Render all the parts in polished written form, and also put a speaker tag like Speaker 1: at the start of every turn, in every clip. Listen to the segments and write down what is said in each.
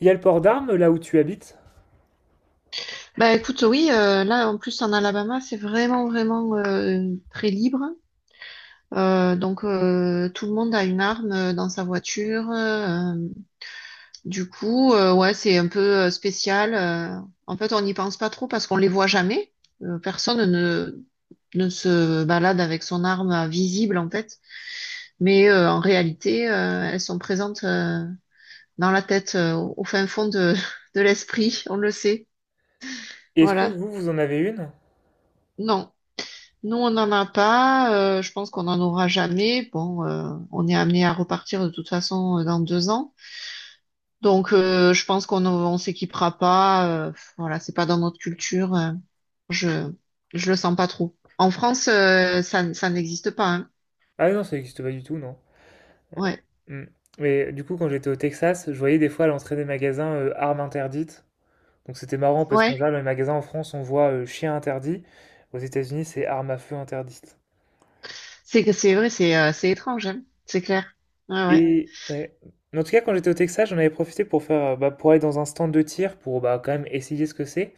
Speaker 1: Il y a le port d'armes là où tu habites?
Speaker 2: Bah écoute, oui, là en plus en Alabama, c'est vraiment très libre. Donc tout le monde a une arme dans sa voiture. Du coup, ouais, c'est un peu spécial. En fait, on n'y pense pas trop parce qu'on les voit jamais. Personne ne se balade avec son arme à visible en fait, mais en réalité, elles sont présentes dans la tête, au fin fond de de l'esprit, on le sait.
Speaker 1: Est-ce que
Speaker 2: Voilà.
Speaker 1: vous, vous en avez une?
Speaker 2: Non. Nous, on n'en a pas. Je pense qu'on n'en aura jamais. Bon, on est amené à repartir de toute façon dans deux ans. Donc, je pense qu'on on s'équipera pas. Voilà, c'est pas dans notre culture. Je je le sens pas trop. En France, ça n'existe pas. Hein.
Speaker 1: Ah non, ça n'existe pas du tout, non.
Speaker 2: Ouais,
Speaker 1: Hmm. Mais du coup, quand j'étais au Texas, je voyais des fois à l'entrée des magasins, armes interdites. Donc c'était marrant parce qu'en
Speaker 2: ouais.
Speaker 1: général, dans les magasins en France, on voit, chien interdit. Aux États-Unis, c'est armes à feu interdites.
Speaker 2: C'est que c'est vrai, c'est étrange. Hein. C'est clair. Ouais, ouais.
Speaker 1: Et ouais. En tout cas, quand j'étais au Texas, j'en avais profité pour faire, bah, pour aller dans un stand de tir pour bah, quand même essayer ce que c'est.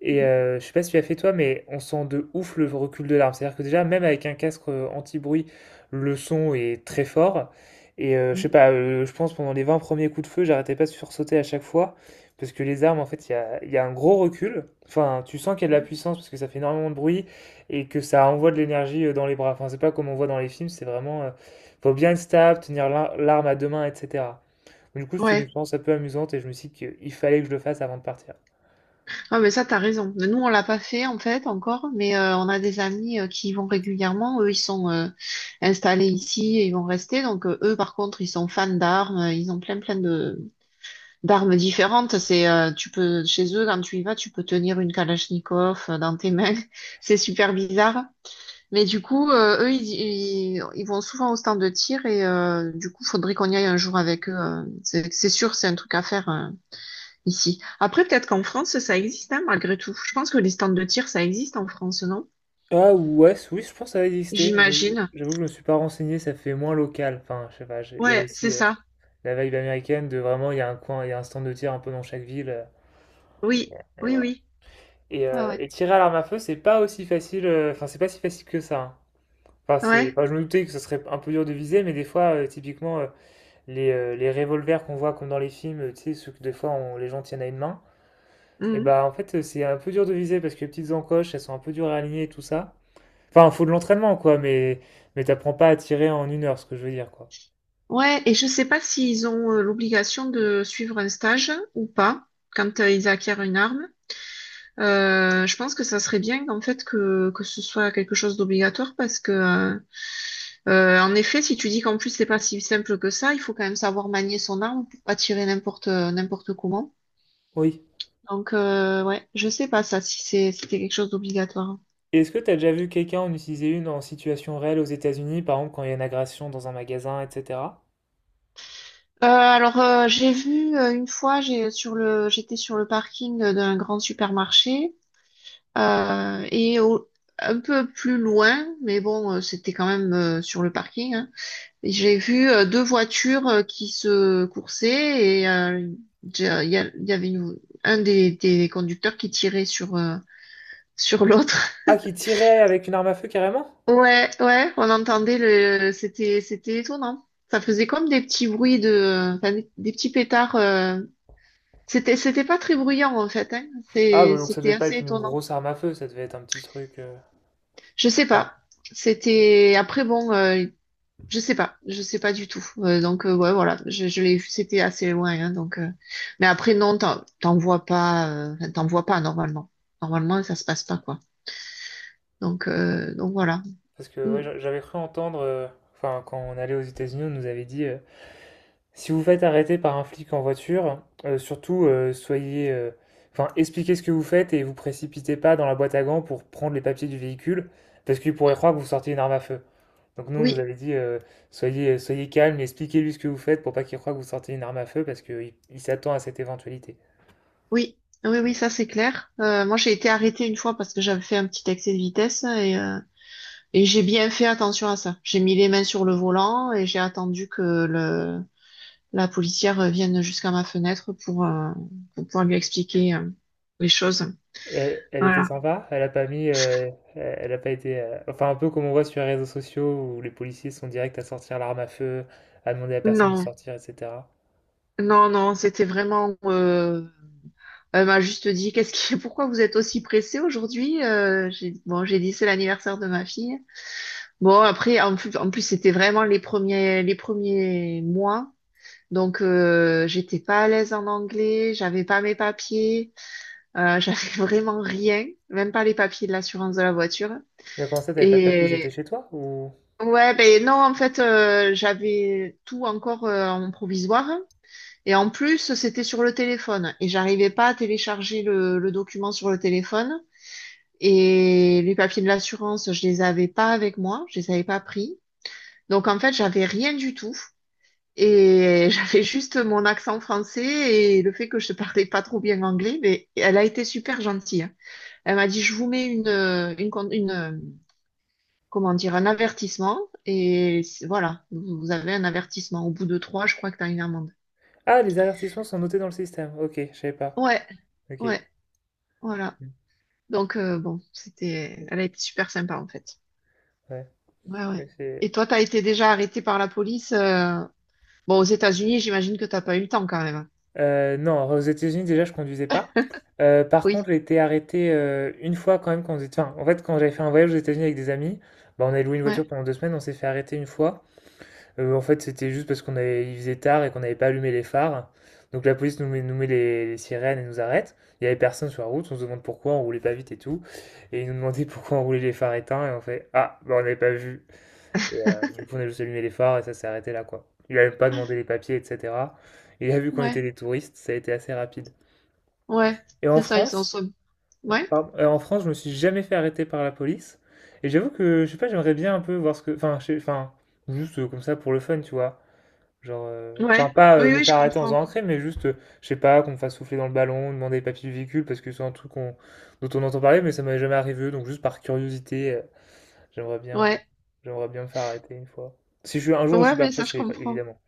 Speaker 1: Et
Speaker 2: Mm,
Speaker 1: je sais pas si tu as fait toi, mais on sent de ouf le recul de l'arme. C'est-à-dire que déjà, même avec un casque anti-bruit, le son est très fort. Et je sais
Speaker 2: mm.
Speaker 1: pas, je pense pendant les 20 premiers coups de feu, j'arrêtais pas de sursauter à chaque fois. Parce que les armes, en fait, il y a un gros recul. Enfin, tu sens qu'il y a de la puissance parce que ça fait énormément de bruit et que ça envoie de l'énergie, dans les bras. Enfin, c'est pas comme on voit dans les films, c'est vraiment, faut bien être stable, tenir l'arme à deux mains, etc. Du coup, c'était une
Speaker 2: Ouais.
Speaker 1: expérience un peu amusante et je me suis dit qu'il fallait que je le fasse avant de partir.
Speaker 2: Ah, mais ça, t'as raison. Mais nous, on l'a pas fait, en fait, encore, mais on a des amis qui y vont régulièrement. Eux, ils sont installés ici et ils vont rester. Donc, eux, par contre, ils sont fans d'armes. Ils ont plein de d'armes différentes. Tu peux, chez eux, quand tu y vas, tu peux tenir une Kalachnikov dans tes mains. C'est super bizarre. Mais du coup, ils vont souvent au stand de tir et du coup, faudrait qu'on y aille un jour avec eux. C'est sûr, c'est un truc à faire. Hein, ici. Après, peut-être qu'en France, ça existe, hein, malgré tout. Je pense que les stands de tir, ça existe en France, non?
Speaker 1: Ah ouais, oui, je pense que ça va exister.
Speaker 2: J'imagine.
Speaker 1: J'avoue que je me suis pas renseigné, ça fait moins local. Enfin, je sais pas, il y a
Speaker 2: Ouais, c'est
Speaker 1: aussi
Speaker 2: ça.
Speaker 1: la vibe américaine de vraiment, il y a un coin, il y a un stand de tir un peu dans chaque ville,
Speaker 2: Oui,
Speaker 1: et
Speaker 2: oui,
Speaker 1: voilà.
Speaker 2: oui.
Speaker 1: Et,
Speaker 2: Ouais,
Speaker 1: euh,
Speaker 2: ouais.
Speaker 1: et tirer à l'arme à feu, c'est pas aussi facile, enfin, c'est pas si facile que ça, hein. Enfin,
Speaker 2: Ouais.
Speaker 1: enfin, je me doutais que ce serait un peu dur de viser, mais des fois, typiquement, les revolvers qu'on voit comme dans les films, tu sais, ceux que des fois les gens tiennent à une main, et
Speaker 2: Mhm.
Speaker 1: bah en fait, c'est un peu dur de viser parce que les petites encoches, elles sont un peu dures à aligner et tout ça. Enfin, faut de l'entraînement, quoi, mais t'apprends pas à tirer en 1 heure, ce que je veux dire, quoi.
Speaker 2: Ouais, et je sais pas s'ils ont l'obligation de suivre un stage ou pas quand ils acquièrent une arme. Je pense que ça serait bien en fait que ce soit quelque chose d'obligatoire parce que en effet, si tu dis qu'en plus c'est pas si simple que ça, il faut quand même savoir manier son arme pour pas tirer n'importe comment.
Speaker 1: Oui.
Speaker 2: Donc, ouais, je sais pas ça si c'était quelque chose d'obligatoire.
Speaker 1: Et est-ce que t'as déjà vu quelqu'un en utiliser une en situation réelle aux États-Unis, par exemple quand il y a une agression dans un magasin, etc.?
Speaker 2: Alors, j'ai vu une fois, j'étais sur le parking d'un grand supermarché euh, et au- un peu plus loin, mais bon, c'était quand même sur le parking. Hein, et j'ai vu deux voitures qui se coursaient et il y avait un des conducteurs qui tirait sur l'autre.
Speaker 1: Ah, qui tirait avec une arme à feu carrément?
Speaker 2: Ouais, ouais, on entendait c'était, c'était étonnant. Ça faisait comme des petits bruits de, enfin, des petits pétards. C'était, c'était pas très bruyant en fait. Hein.
Speaker 1: Ah, bah donc ça
Speaker 2: C'était
Speaker 1: devait pas
Speaker 2: assez
Speaker 1: être une
Speaker 2: étonnant.
Speaker 1: grosse arme à feu, ça devait être un petit truc,
Speaker 2: Je sais
Speaker 1: enfin,
Speaker 2: pas. C'était après bon, je sais pas du tout. Donc ouais, voilà, je l'ai vu. C'était assez loin. Hein, donc, mais après non, t'en, t'en vois pas, enfin, t'en vois pas normalement. Normalement, ça se passe pas quoi.
Speaker 1: bon.
Speaker 2: Donc voilà.
Speaker 1: Parce que
Speaker 2: Mm.
Speaker 1: ouais, j'avais cru entendre, enfin, quand on allait aux États-Unis, on nous avait dit, si vous faites arrêter par un flic en voiture, surtout soyez, enfin, expliquez ce que vous faites et vous précipitez pas dans la boîte à gants pour prendre les papiers du véhicule, parce qu'il pourrait croire que vous sortiez une arme à feu. Donc nous, on nous
Speaker 2: Oui.
Speaker 1: avait dit, soyez, soyez calme, expliquez-lui ce que vous faites pour pas qu'il croie que vous sortez une arme à feu, parce qu'il s'attend à cette éventualité.
Speaker 2: Oui, oui, oui, ça c'est clair. Moi, j'ai été arrêtée une fois parce que j'avais fait un petit excès de vitesse et et j'ai bien fait attention à ça. J'ai mis les mains sur le volant et j'ai attendu que le, la policière vienne jusqu'à ma fenêtre pour pour pouvoir lui expliquer les choses.
Speaker 1: Elle, elle était
Speaker 2: Voilà.
Speaker 1: sympa, elle a pas mis, elle a pas été, enfin un peu comme on voit sur les réseaux sociaux où les policiers sont directs à sortir l'arme à feu, à demander à la personne de
Speaker 2: Non,
Speaker 1: sortir, etc.
Speaker 2: non, non, c'était vraiment. Elle m'a juste dit, pourquoi vous êtes aussi pressée aujourd'hui? J'ai dit c'est l'anniversaire de ma fille. Bon, après, en plus c'était vraiment les premiers mois. Donc, j'étais pas à l'aise en anglais, j'avais pas mes papiers, j'avais vraiment rien, même pas les papiers de l'assurance de la voiture.
Speaker 1: Mais comment ça, t'avais pas de papiers, ils
Speaker 2: Et
Speaker 1: étaient chez toi ou...
Speaker 2: ouais, ben non, en fait, j'avais tout encore en provisoire. Et en plus, c'était sur le téléphone. Et j'arrivais pas à télécharger le document sur le téléphone. Et les papiers de l'assurance, je les avais pas avec moi, je les avais pas pris. Donc, en fait, j'avais rien du tout. Et j'avais juste mon accent français et le fait que je parlais pas trop bien anglais, mais elle a été super gentille. Hein. Elle m'a dit, je vous mets une, con- une, comment dire, un avertissement et voilà, vous avez un avertissement. Au bout de trois, je crois que tu as une amende.
Speaker 1: Ah, les avertissements sont notés dans le système. Ok, je savais pas.
Speaker 2: Ouais,
Speaker 1: Ok.
Speaker 2: ouais, voilà.
Speaker 1: Mm.
Speaker 2: Donc bon, c'était, elle a été super sympa en fait.
Speaker 1: Ouais.
Speaker 2: Ouais,
Speaker 1: ouais,
Speaker 2: ouais.
Speaker 1: c'est-
Speaker 2: Et toi, t'as été déjà arrêté par la police. Bon, aux États-Unis, j'imagine que t'as pas eu le temps quand même.
Speaker 1: non, aux États-Unis, déjà, je conduisais pas. Par
Speaker 2: Oui,
Speaker 1: contre, j'ai été arrêté une fois quand même quand enfin, en fait, quand j'avais fait un voyage aux États-Unis avec des amis, bah, on avait loué une
Speaker 2: ouais,
Speaker 1: voiture pendant 2 semaines, on s'est fait arrêter une fois. En fait, c'était juste parce qu'on avait... il faisait tard et qu'on n'avait pas allumé les phares. Donc la police nous met les sirènes et nous arrête. Il y avait personne sur la route, on se demande pourquoi, on roulait pas vite et tout. Et ils nous demandaient pourquoi on roulait les phares éteints et on fait: «Ah, bah, on n'avait pas vu.» Et, du coup, on a juste allumé les phares et ça s'est arrêté là, quoi. Il a même pas demandé les papiers, etc. Il a vu qu'on était
Speaker 2: ouais,
Speaker 1: des touristes, ça a été assez rapide.
Speaker 2: ouais.
Speaker 1: Et en
Speaker 2: C'est ça, ils sont
Speaker 1: France,
Speaker 2: so. Ouais,
Speaker 1: pardon, en France, je me suis jamais fait arrêter par la police. Et j'avoue que, je sais pas, j'aimerais bien un peu voir ce que, enfin, enfin, juste comme ça pour le fun, tu vois. Genre,
Speaker 2: ouais,
Speaker 1: enfin, pas
Speaker 2: oui,
Speaker 1: me
Speaker 2: oui, je
Speaker 1: faire arrêter en
Speaker 2: comprends.
Speaker 1: faisant un crime, mais juste, je sais pas, qu'on me fasse souffler dans le ballon, demander les papiers du véhicule, parce que c'est un truc dont on entend parler, mais ça m'avait jamais arrivé, donc juste par curiosité, j'aimerais bien,
Speaker 2: Ouais,
Speaker 1: j'aimerais bien me faire arrêter une fois. Si je suis un jour, je suis
Speaker 2: ouais,
Speaker 1: pas
Speaker 2: mais
Speaker 1: prêt,
Speaker 2: ça, je
Speaker 1: c'est
Speaker 2: comprends.
Speaker 1: évidemment.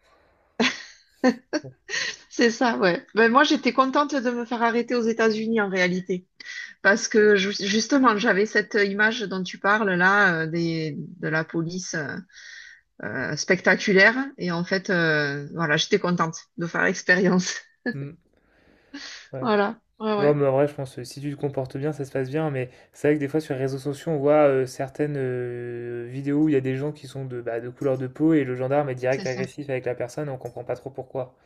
Speaker 2: C'est ça, ouais. Ben, moi, j'étais contente de me faire arrêter aux États-Unis en réalité, parce que justement, j'avais cette image dont tu parles là, de la police spectaculaire, et en fait, voilà, j'étais contente de faire l'expérience.
Speaker 1: Mm, ouais.
Speaker 2: Voilà, ouais,
Speaker 1: Non,
Speaker 2: ouais,
Speaker 1: mais en vrai, je pense que si tu te comportes bien, ça se passe bien. Mais c'est vrai que des fois, sur les réseaux sociaux, on voit certaines vidéos où il y a des gens qui sont de couleur de peau et le gendarme est direct
Speaker 2: c'est ça.
Speaker 1: agressif avec la personne et on comprend pas trop pourquoi.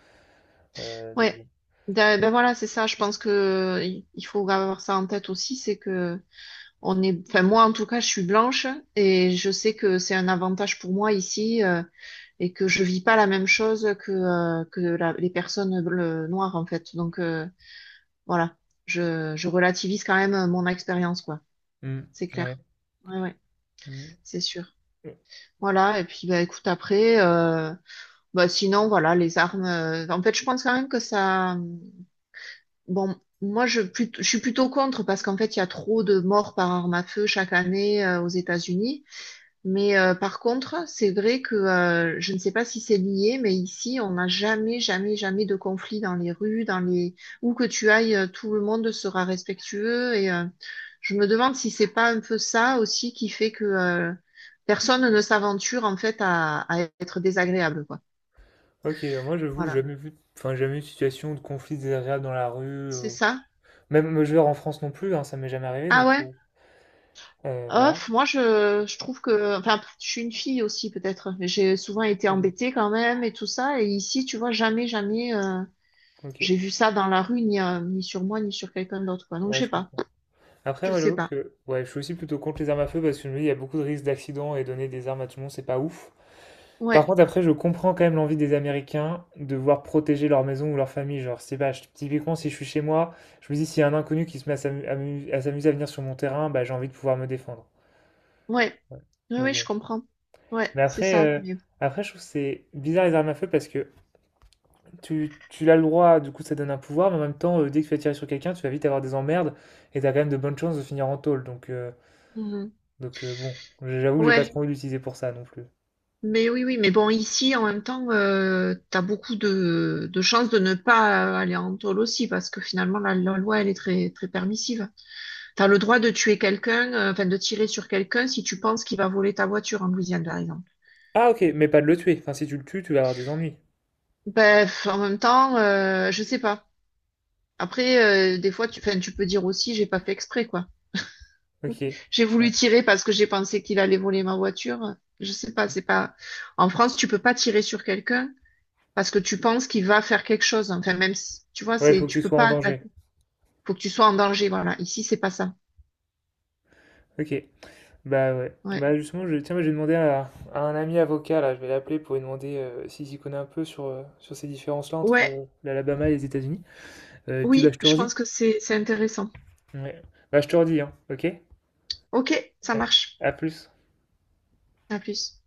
Speaker 1: Donc,
Speaker 2: Ouais.
Speaker 1: bon.
Speaker 2: Ben, voilà, c'est ça. Je pense que il faut avoir ça en tête aussi, c'est que on est, enfin moi en tout cas, je suis blanche et je sais que c'est un avantage pour moi ici et que je vis pas la même chose que les personnes noires en fait. Donc voilà, je relativise quand même mon expérience quoi.
Speaker 1: Mm,
Speaker 2: C'est
Speaker 1: ouais.
Speaker 2: clair. Ouais ouais,
Speaker 1: Mm.
Speaker 2: c'est sûr. Voilà et puis bah écoute après, bah sinon voilà les armes. En fait, je pense quand même que ça. Bon, je suis plutôt contre parce qu'en fait il y a trop de morts par arme à feu chaque année aux États-Unis. Mais par contre, c'est vrai que je ne sais pas si c'est lié, mais ici, on n'a jamais, jamais, jamais de conflit dans les rues, dans les où que tu ailles, tout le monde sera respectueux. Et je me demande si c'est pas un peu ça aussi qui fait que personne ne s'aventure en fait à être désagréable, quoi.
Speaker 1: Ok, moi j'avoue,
Speaker 2: Voilà,
Speaker 1: jamais vu, enfin jamais eu de situation de conflit désagréable dans la rue,
Speaker 2: c'est ça.
Speaker 1: même je veux dire, en France non plus, hein, ça m'est jamais arrivé,
Speaker 2: Ah
Speaker 1: donc
Speaker 2: ouais.
Speaker 1: voilà.
Speaker 2: Off, je trouve que, enfin, je suis une fille aussi peut-être, mais j'ai souvent été
Speaker 1: Ok.
Speaker 2: embêtée quand même et tout ça. Et ici, tu vois, jamais, jamais.
Speaker 1: Ok,
Speaker 2: J'ai vu ça dans la rue, ni, ni sur moi, ni sur quelqu'un d'autre, quoi. Donc,
Speaker 1: ouais,
Speaker 2: je sais
Speaker 1: je
Speaker 2: pas.
Speaker 1: comprends. Après,
Speaker 2: Je
Speaker 1: moi
Speaker 2: sais
Speaker 1: j'avoue
Speaker 2: pas.
Speaker 1: que ouais, je suis aussi plutôt contre les armes à feu parce que je me dis, il y a beaucoup de risques d'accidents et donner des armes à tout le monde, c'est pas ouf. Par
Speaker 2: Ouais,
Speaker 1: contre, après, je comprends quand même l'envie des Américains de voir protéger leur maison ou leur famille. Genre, c'est pas, typiquement, si je suis chez moi, je me dis, s'il y a un inconnu qui se met à s'amuser à venir sur mon terrain, bah j'ai envie de pouvoir me défendre.
Speaker 2: ouais.
Speaker 1: Ouais.
Speaker 2: Oui,
Speaker 1: Donc,
Speaker 2: oui, je
Speaker 1: bon.
Speaker 2: comprends. Ouais,
Speaker 1: Mais
Speaker 2: c'est
Speaker 1: après,
Speaker 2: ça.
Speaker 1: euh,
Speaker 2: Mais...
Speaker 1: après, je trouve que c'est bizarre les armes à feu parce que tu l'as le droit, du coup ça donne un pouvoir, mais en même temps, dès que tu vas tirer sur quelqu'un, tu vas vite avoir des emmerdes et t'as quand même de bonnes chances de finir en tôle. Donc, euh,
Speaker 2: Mhm.
Speaker 1: donc euh, bon, j'avoue que j'ai pas
Speaker 2: Ouais,
Speaker 1: trop envie de l'utiliser pour ça non plus.
Speaker 2: mais oui, oui. Mais bon, ici, en même temps, t'as beaucoup de chances de ne pas aller en tôle aussi, parce que finalement, la loi, elle est très, très permissive. T'as le droit de tuer quelqu'un, enfin, de tirer sur quelqu'un si tu penses qu'il va voler ta voiture en Louisiane, par exemple.
Speaker 1: Ah ok, mais pas de le tuer. Enfin, si tu le tues, tu vas avoir des ennuis.
Speaker 2: Bref, en même temps, je sais pas. Après, des fois, tu, enfin, tu peux dire aussi, j'ai pas fait exprès, quoi.
Speaker 1: Ok.
Speaker 2: J'ai voulu
Speaker 1: Ouais,
Speaker 2: tirer parce que j'ai pensé qu'il allait voler ma voiture. Je sais pas, c'est pas. En France, tu peux pas tirer sur quelqu'un parce que tu penses qu'il va faire quelque chose. Enfin, même si, tu vois,
Speaker 1: ouais, il
Speaker 2: c'est,
Speaker 1: faut que
Speaker 2: tu
Speaker 1: tu
Speaker 2: peux
Speaker 1: sois en
Speaker 2: pas.
Speaker 1: danger.
Speaker 2: Attaquer. Faut que tu sois en danger. Voilà. Ici, c'est pas ça.
Speaker 1: Ok. Bah ouais.
Speaker 2: Ouais.
Speaker 1: Bah justement, tiens, moi, j'ai demandé à un ami avocat, là, je vais l'appeler pour lui demander s'il s'y connaît un peu sur ces différences-là entre
Speaker 2: Ouais.
Speaker 1: l'Alabama et les États-Unis. Et puis bah je
Speaker 2: Oui,
Speaker 1: te
Speaker 2: je
Speaker 1: redis.
Speaker 2: pense que c'est intéressant.
Speaker 1: Ouais. Bah, je te redis, hein, ok?
Speaker 2: Ok, ça
Speaker 1: Ouais.
Speaker 2: marche.
Speaker 1: À plus.
Speaker 2: À plus.